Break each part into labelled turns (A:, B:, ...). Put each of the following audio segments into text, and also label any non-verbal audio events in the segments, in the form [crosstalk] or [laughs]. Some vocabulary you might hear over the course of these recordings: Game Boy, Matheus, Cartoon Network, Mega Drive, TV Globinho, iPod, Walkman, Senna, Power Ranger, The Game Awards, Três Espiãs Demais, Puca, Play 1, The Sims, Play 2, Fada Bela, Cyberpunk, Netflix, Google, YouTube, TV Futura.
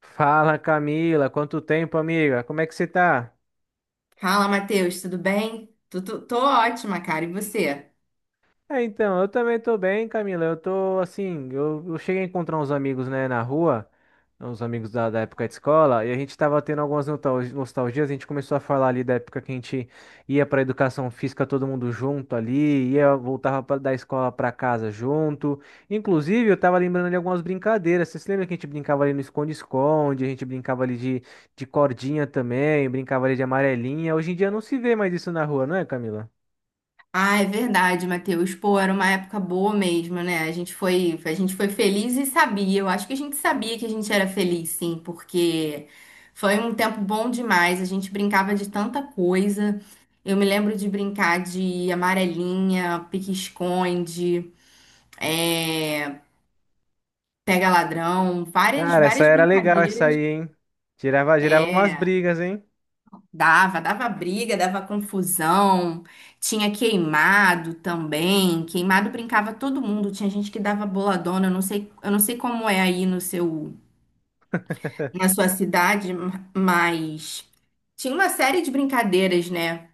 A: Fala, Camila, quanto tempo, amiga? Como é que você tá?
B: Fala, Matheus, tudo bem? Tô ótima, cara. E você?
A: Eu também tô bem, Camila. Eu tô assim, eu cheguei a encontrar uns amigos, né, na rua, uns amigos da época de escola, e a gente tava tendo algumas nostalgias. A gente começou a falar ali da época que a gente ia pra educação física todo mundo junto ali, ia, voltava da escola pra casa junto. Inclusive, eu tava lembrando de algumas brincadeiras. Você se lembra que a gente brincava ali no esconde-esconde, a gente brincava ali de cordinha também, brincava ali de amarelinha. Hoje em dia não se vê mais isso na rua, não é, Camila?
B: Ah, é verdade, Matheus. Pô, era uma época boa mesmo, né? A gente foi feliz e sabia. Eu acho que a gente sabia que a gente era feliz, sim, porque foi um tempo bom demais. A gente brincava de tanta coisa. Eu me lembro de brincar de amarelinha, pique-esconde, é, pega-ladrão, várias,
A: Cara, essa
B: várias
A: era legal, essa
B: brincadeiras.
A: aí, hein? Girava, girava umas
B: É.
A: brigas, hein?
B: Dava briga, dava confusão. Tinha queimado também. Queimado brincava todo mundo. Tinha gente que dava boladona. Eu não sei como é aí no seu, na sua cidade, mas tinha uma série de brincadeiras, né?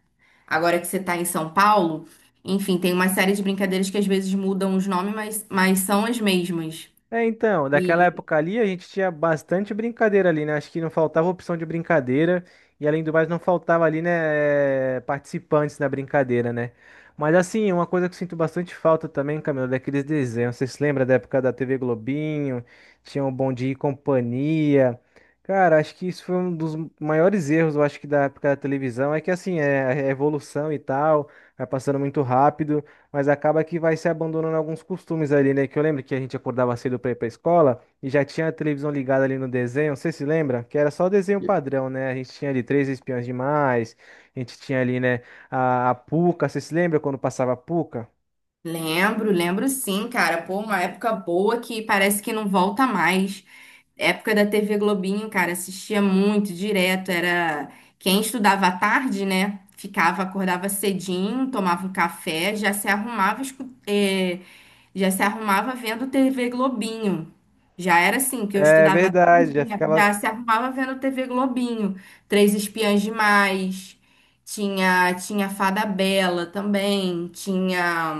B: Agora que você tá em São Paulo, enfim, tem uma série de brincadeiras que às vezes mudam os nomes, mas são as mesmas.
A: É, então, daquela
B: E
A: época ali a gente tinha bastante brincadeira ali, né? Acho que não faltava opção de brincadeira e, além do mais, não faltava ali, né, participantes na brincadeira, né? Mas assim, uma coisa que eu sinto bastante falta também, Camilo, é daqueles desenhos. Vocês se lembra da época da TV Globinho? Tinha o Bom Dia e Companhia. Cara, acho que isso foi um dos maiores erros, eu acho, que da época da televisão, é que assim, é a evolução e tal, vai passando muito rápido. Mas acaba que vai se abandonando alguns costumes ali, né? Que eu lembro que a gente acordava cedo pra ir pra escola e já tinha a televisão ligada ali no desenho. Você se lembra? Que era só o desenho padrão, né? A gente tinha ali Três Espiãs Demais, a gente tinha ali, né? A Puca. Você se lembra quando passava a Puca?
B: lembro, lembro sim, cara. Pô, uma época boa que parece que não volta mais. Época da TV Globinho, cara, assistia muito direto. Era quem estudava à tarde, né? Ficava, acordava cedinho, tomava um café, já se arrumava, já se arrumava vendo TV Globinho. Já era assim, que eu
A: É
B: estudava à
A: verdade,
B: tarde,
A: já
B: já
A: ficava.
B: já se arrumava vendo TV Globinho. Três Espiãs Demais, tinha, tinha Fada Bela também, tinha.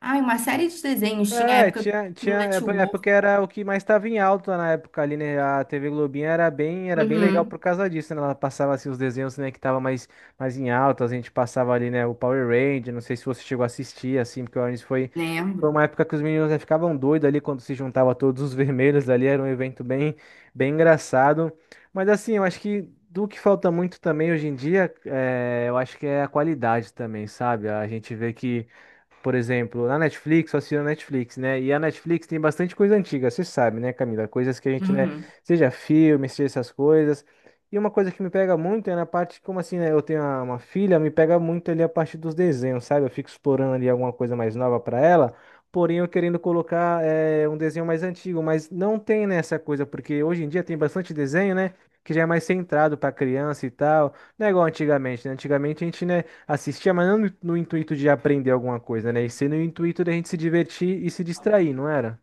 B: Ai, uma série de desenhos. Tinha a
A: É,
B: época
A: tinha, tinha,
B: do Cartoon
A: é é
B: Network.
A: porque era o que mais estava em alta na época ali, né? A TV Globinho era bem legal por
B: Uhum,
A: causa disso, né? Ela passava assim os desenhos, né, que tava mais em alta, a gente passava ali, né, o Power Ranger, não sei se você chegou a assistir assim, porque o Orange foi, foi
B: lembro.
A: uma época que os meninos, né, ficavam doidos ali quando se juntava todos os vermelhos ali, era um evento bem, bem engraçado. Mas assim, eu acho que do que falta muito também hoje em dia, é, eu acho que é a qualidade também, sabe? A gente vê que, por exemplo, na Netflix, só assino a Netflix, né? E a Netflix tem bastante coisa antiga, você sabe, né, Camila? Coisas que a gente, né,
B: Uhum.
A: seja filme, seja essas coisas. E uma coisa que me pega muito é na parte, como assim, né? Eu tenho uma filha, me pega muito ali a parte dos desenhos, sabe? Eu fico explorando ali alguma coisa mais nova para ela, porém eu querendo colocar é, um desenho mais antigo, mas não tem nessa coisa, porque hoje em dia tem bastante desenho, né? Que já é mais centrado para criança e tal. Não é igual antigamente, né? Antigamente a gente, né? Assistia, mas não no intuito de aprender alguma coisa, né? E sim no intuito da gente se divertir e se distrair, não era?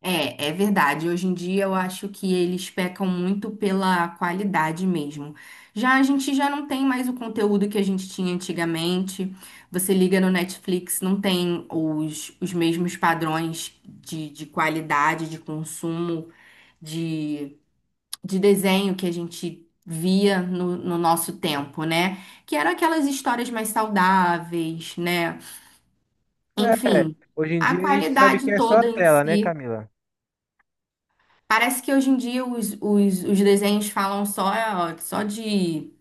B: É, é verdade. Hoje em dia eu acho que eles pecam muito pela qualidade mesmo. Já a gente já não tem mais o conteúdo que a gente tinha antigamente. Você liga no Netflix, não tem os mesmos padrões de qualidade, de consumo, de desenho que a gente via no, no nosso tempo, né? Que eram aquelas histórias mais saudáveis, né?
A: É,
B: Enfim,
A: hoje em
B: a
A: dia a gente sabe que
B: qualidade
A: é só
B: toda em
A: tela, né,
B: si.
A: Camila?
B: Parece que hoje em dia os desenhos falam só, só de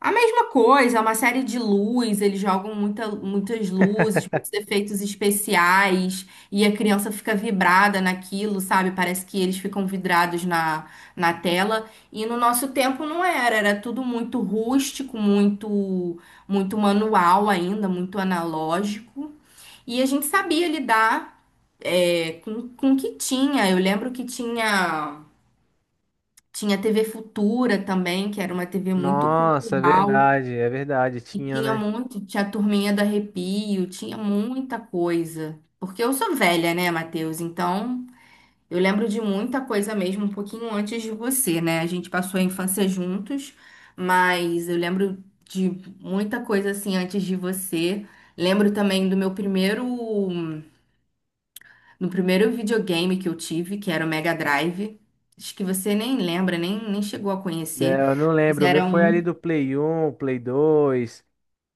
B: a mesma coisa, é uma série de luz, eles jogam muitas luzes, muitos
A: [laughs]
B: efeitos especiais, e a criança fica vibrada naquilo, sabe? Parece que eles ficam vidrados na, na tela. E no nosso tempo não era, era tudo muito rústico, muito, muito manual ainda, muito analógico. E a gente sabia lidar, com o que tinha. Eu lembro que tinha, tinha TV Futura também, que era uma TV muito
A: Nossa,
B: cultural.
A: é verdade,
B: E
A: tinha,
B: tinha
A: né?
B: muito, tinha a turminha do arrepio, tinha muita coisa. Porque eu sou velha, né, Matheus? Então, eu lembro de muita coisa mesmo, um pouquinho antes de você, né? A gente passou a infância juntos, mas eu lembro de muita coisa assim antes de você. Lembro também do meu primeiro, do primeiro videogame que eu tive, que era o Mega Drive. Acho que você nem lembra, nem chegou a
A: É,
B: conhecer.
A: eu não
B: Mas
A: lembro, o meu
B: era
A: foi ali
B: um
A: do Play 1, Play 2.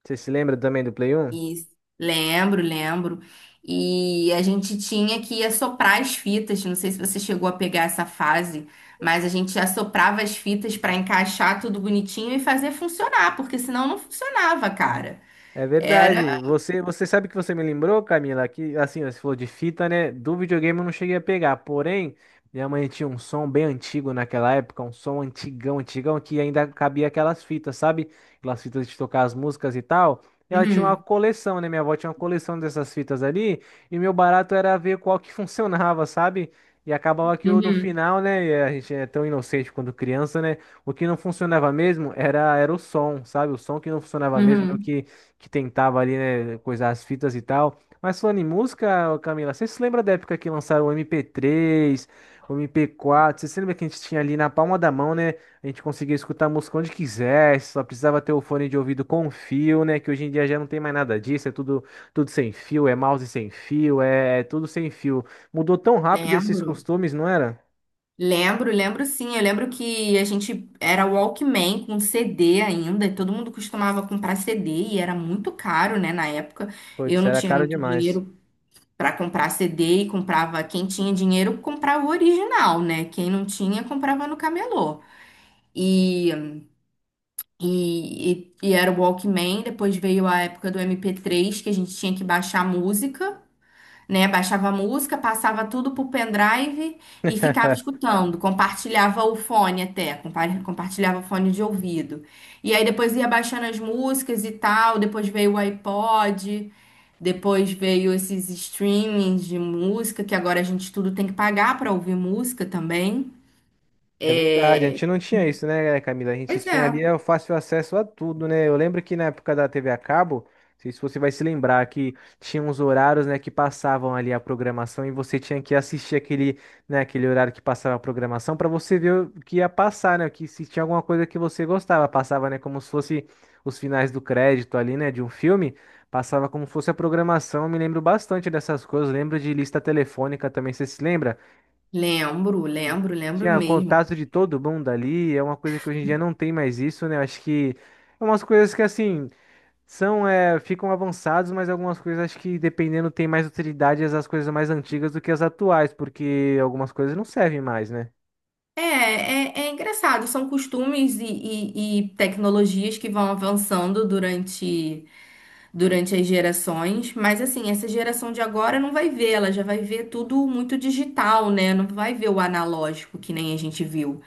A: Você se lembra também do Play 1?
B: isso. Lembro, lembro. E a gente tinha que assoprar as fitas. Não sei se você chegou a pegar essa fase, mas a gente assoprava as fitas para encaixar tudo bonitinho e fazer funcionar, porque senão não funcionava, cara.
A: É
B: Era.
A: verdade. Você, você sabe que você me lembrou, Camila, que assim, ó, você falou de fita, né? Do videogame eu não cheguei a pegar. Porém, minha mãe tinha um som bem antigo naquela época, um som antigão, antigão, que ainda cabia aquelas fitas, sabe? Aquelas fitas de tocar as músicas e tal. E ela tinha uma
B: Uhum,
A: coleção, né? Minha avó tinha uma coleção dessas fitas ali, e meu barato era ver qual que [laughs] funcionava, sabe? E acabava que eu, no
B: uhum,
A: final, né? E a gente é tão inocente quando criança, né? O que não funcionava mesmo era o som, sabe? O som que não funcionava mesmo, é o
B: uhum.
A: que tentava ali, né, coisar as fitas e tal. Mas falando em música, ô Camila, você se lembra da época que lançaram o mp três, o mp quatro? Você se lembra que a gente tinha ali na palma da mão, né? A gente conseguia escutar música onde quisesse, só precisava ter o fone de ouvido com fio, né? Que hoje em dia já não tem mais nada disso, é tudo, tudo sem fio, é mouse sem fio, é, é tudo sem fio. Mudou tão rápido esses
B: Lembro.
A: costumes, não era?
B: Lembro, lembro sim. Eu lembro que a gente era Walkman com CD ainda, e todo mundo costumava comprar CD e era muito caro, né, na época. Eu
A: Putz,
B: não
A: era
B: tinha
A: caro
B: muito
A: demais.
B: dinheiro para comprar CD e comprava quem tinha dinheiro comprava o original, né? Quem não tinha comprava no camelô. E, e era o Walkman, depois veio a época do MP3 que a gente tinha que baixar a música, né? Baixava a música, passava tudo pro pendrive e ficava
A: [laughs]
B: escutando, compartilhava o fone até, compartilhava o fone de ouvido. E aí depois ia baixando as músicas e tal, depois veio o iPod, depois veio esses streamings de música, que agora a gente tudo tem que pagar para ouvir música também.
A: É verdade, a
B: É,
A: gente não tinha isso, né, Camila? A gente
B: pois é,
A: tinha ali é, o fácil acesso a tudo, né? Eu lembro que na época da TV a cabo, não sei se você vai se lembrar, que tinha uns horários, né, que passavam ali a programação e você tinha que assistir aquele, né, aquele horário que passava a programação para você ver o que ia passar, né? Que se tinha alguma coisa que você gostava, passava, né, como se fosse os finais do crédito ali, né, de um filme. Passava como se fosse a programação, eu me lembro bastante dessas coisas, lembro de lista telefônica também, você se lembra?
B: lembro, lembro, lembro
A: Tinha
B: mesmo.
A: contato de todo mundo ali, é uma coisa que hoje em dia não tem mais isso, né? Eu acho que é umas coisas que assim são é, ficam avançados, mas algumas coisas acho que dependendo tem mais utilidade as coisas mais antigas do que as atuais, porque algumas coisas não servem mais, né?
B: É engraçado, são costumes e tecnologias que vão avançando durante as gerações, mas assim, essa geração de agora não vai ver, ela já vai ver tudo muito digital, né? Não vai ver o analógico que nem a gente viu.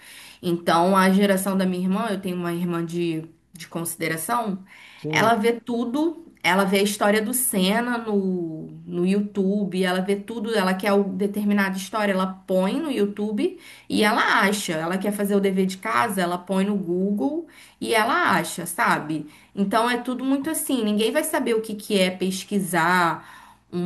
B: Então, a geração da minha irmã, eu tenho uma irmã de consideração, ela
A: Sim.
B: vê tudo. Ela vê a história do Senna no, no YouTube, ela vê tudo, ela quer o- determinada história, ela põe no YouTube e ela acha. Ela quer fazer o dever de casa, ela põe no Google e ela acha, sabe? Então é tudo muito assim, ninguém vai saber o que que é pesquisar um,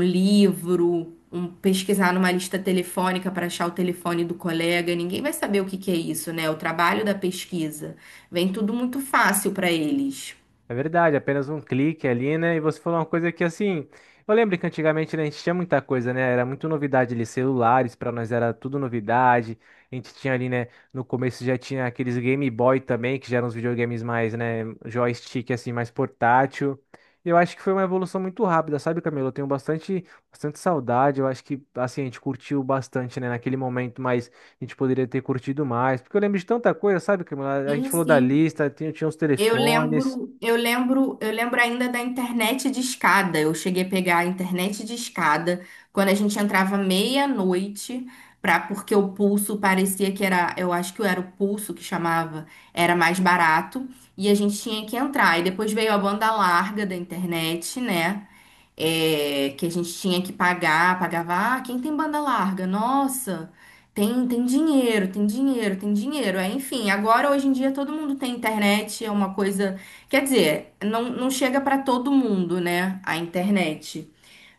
B: um livro, um, pesquisar numa lista telefônica para achar o telefone do colega, ninguém vai saber o que que é isso, né? O trabalho da pesquisa. Vem tudo muito fácil para eles.
A: É verdade, apenas um clique ali, né? E você falou uma coisa que assim, eu lembro que antigamente, né, a gente tinha muita coisa, né? Era muito novidade ali, celulares, pra nós era tudo novidade. A gente tinha ali, né, no começo já tinha aqueles Game Boy também, que já eram os videogames mais, né, joystick assim, mais portátil. E eu acho que foi uma evolução muito rápida, sabe, Camilo? Eu tenho bastante, bastante saudade. Eu acho que assim, a gente curtiu bastante, né, naquele momento, mas a gente poderia ter curtido mais, porque eu lembro de tanta coisa, sabe, Camilo? A gente
B: Sim,
A: falou da
B: sim.
A: lista, tinha, tinha os
B: Eu
A: telefones.
B: lembro, eu lembro, eu lembro ainda da internet de escada. Eu cheguei a pegar a internet de escada quando a gente entrava meia-noite, para porque o pulso parecia que era, eu acho que era o pulso que chamava, era mais barato e a gente tinha que entrar. E depois veio a banda larga da internet, né? É, que a gente tinha que pagar, pagava, ah, quem tem banda larga? Nossa, tem, tem dinheiro. É, enfim, agora hoje em dia todo mundo tem internet, é uma coisa, quer dizer, não, não chega para todo mundo, né, a internet.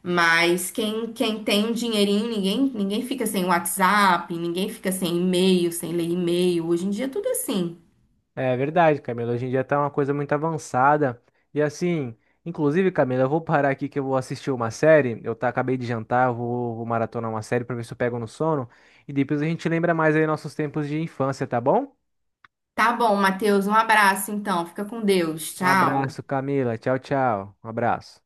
B: Mas quem tem um dinheirinho, ninguém fica sem WhatsApp, ninguém fica sem e-mail, sem ler e-mail. Hoje em dia é tudo é assim.
A: É verdade, Camila. Hoje em dia tá uma coisa muito avançada. E assim, inclusive, Camila, eu vou parar aqui que eu vou assistir uma série. Eu tá, acabei de jantar, eu vou, vou maratonar uma série pra ver se eu pego no sono. E depois a gente lembra mais aí nossos tempos de infância, tá bom?
B: Tá bom, Matheus, um abraço então. Fica com Deus.
A: Um
B: Tchau.
A: abraço, Camila. Tchau, tchau. Um abraço.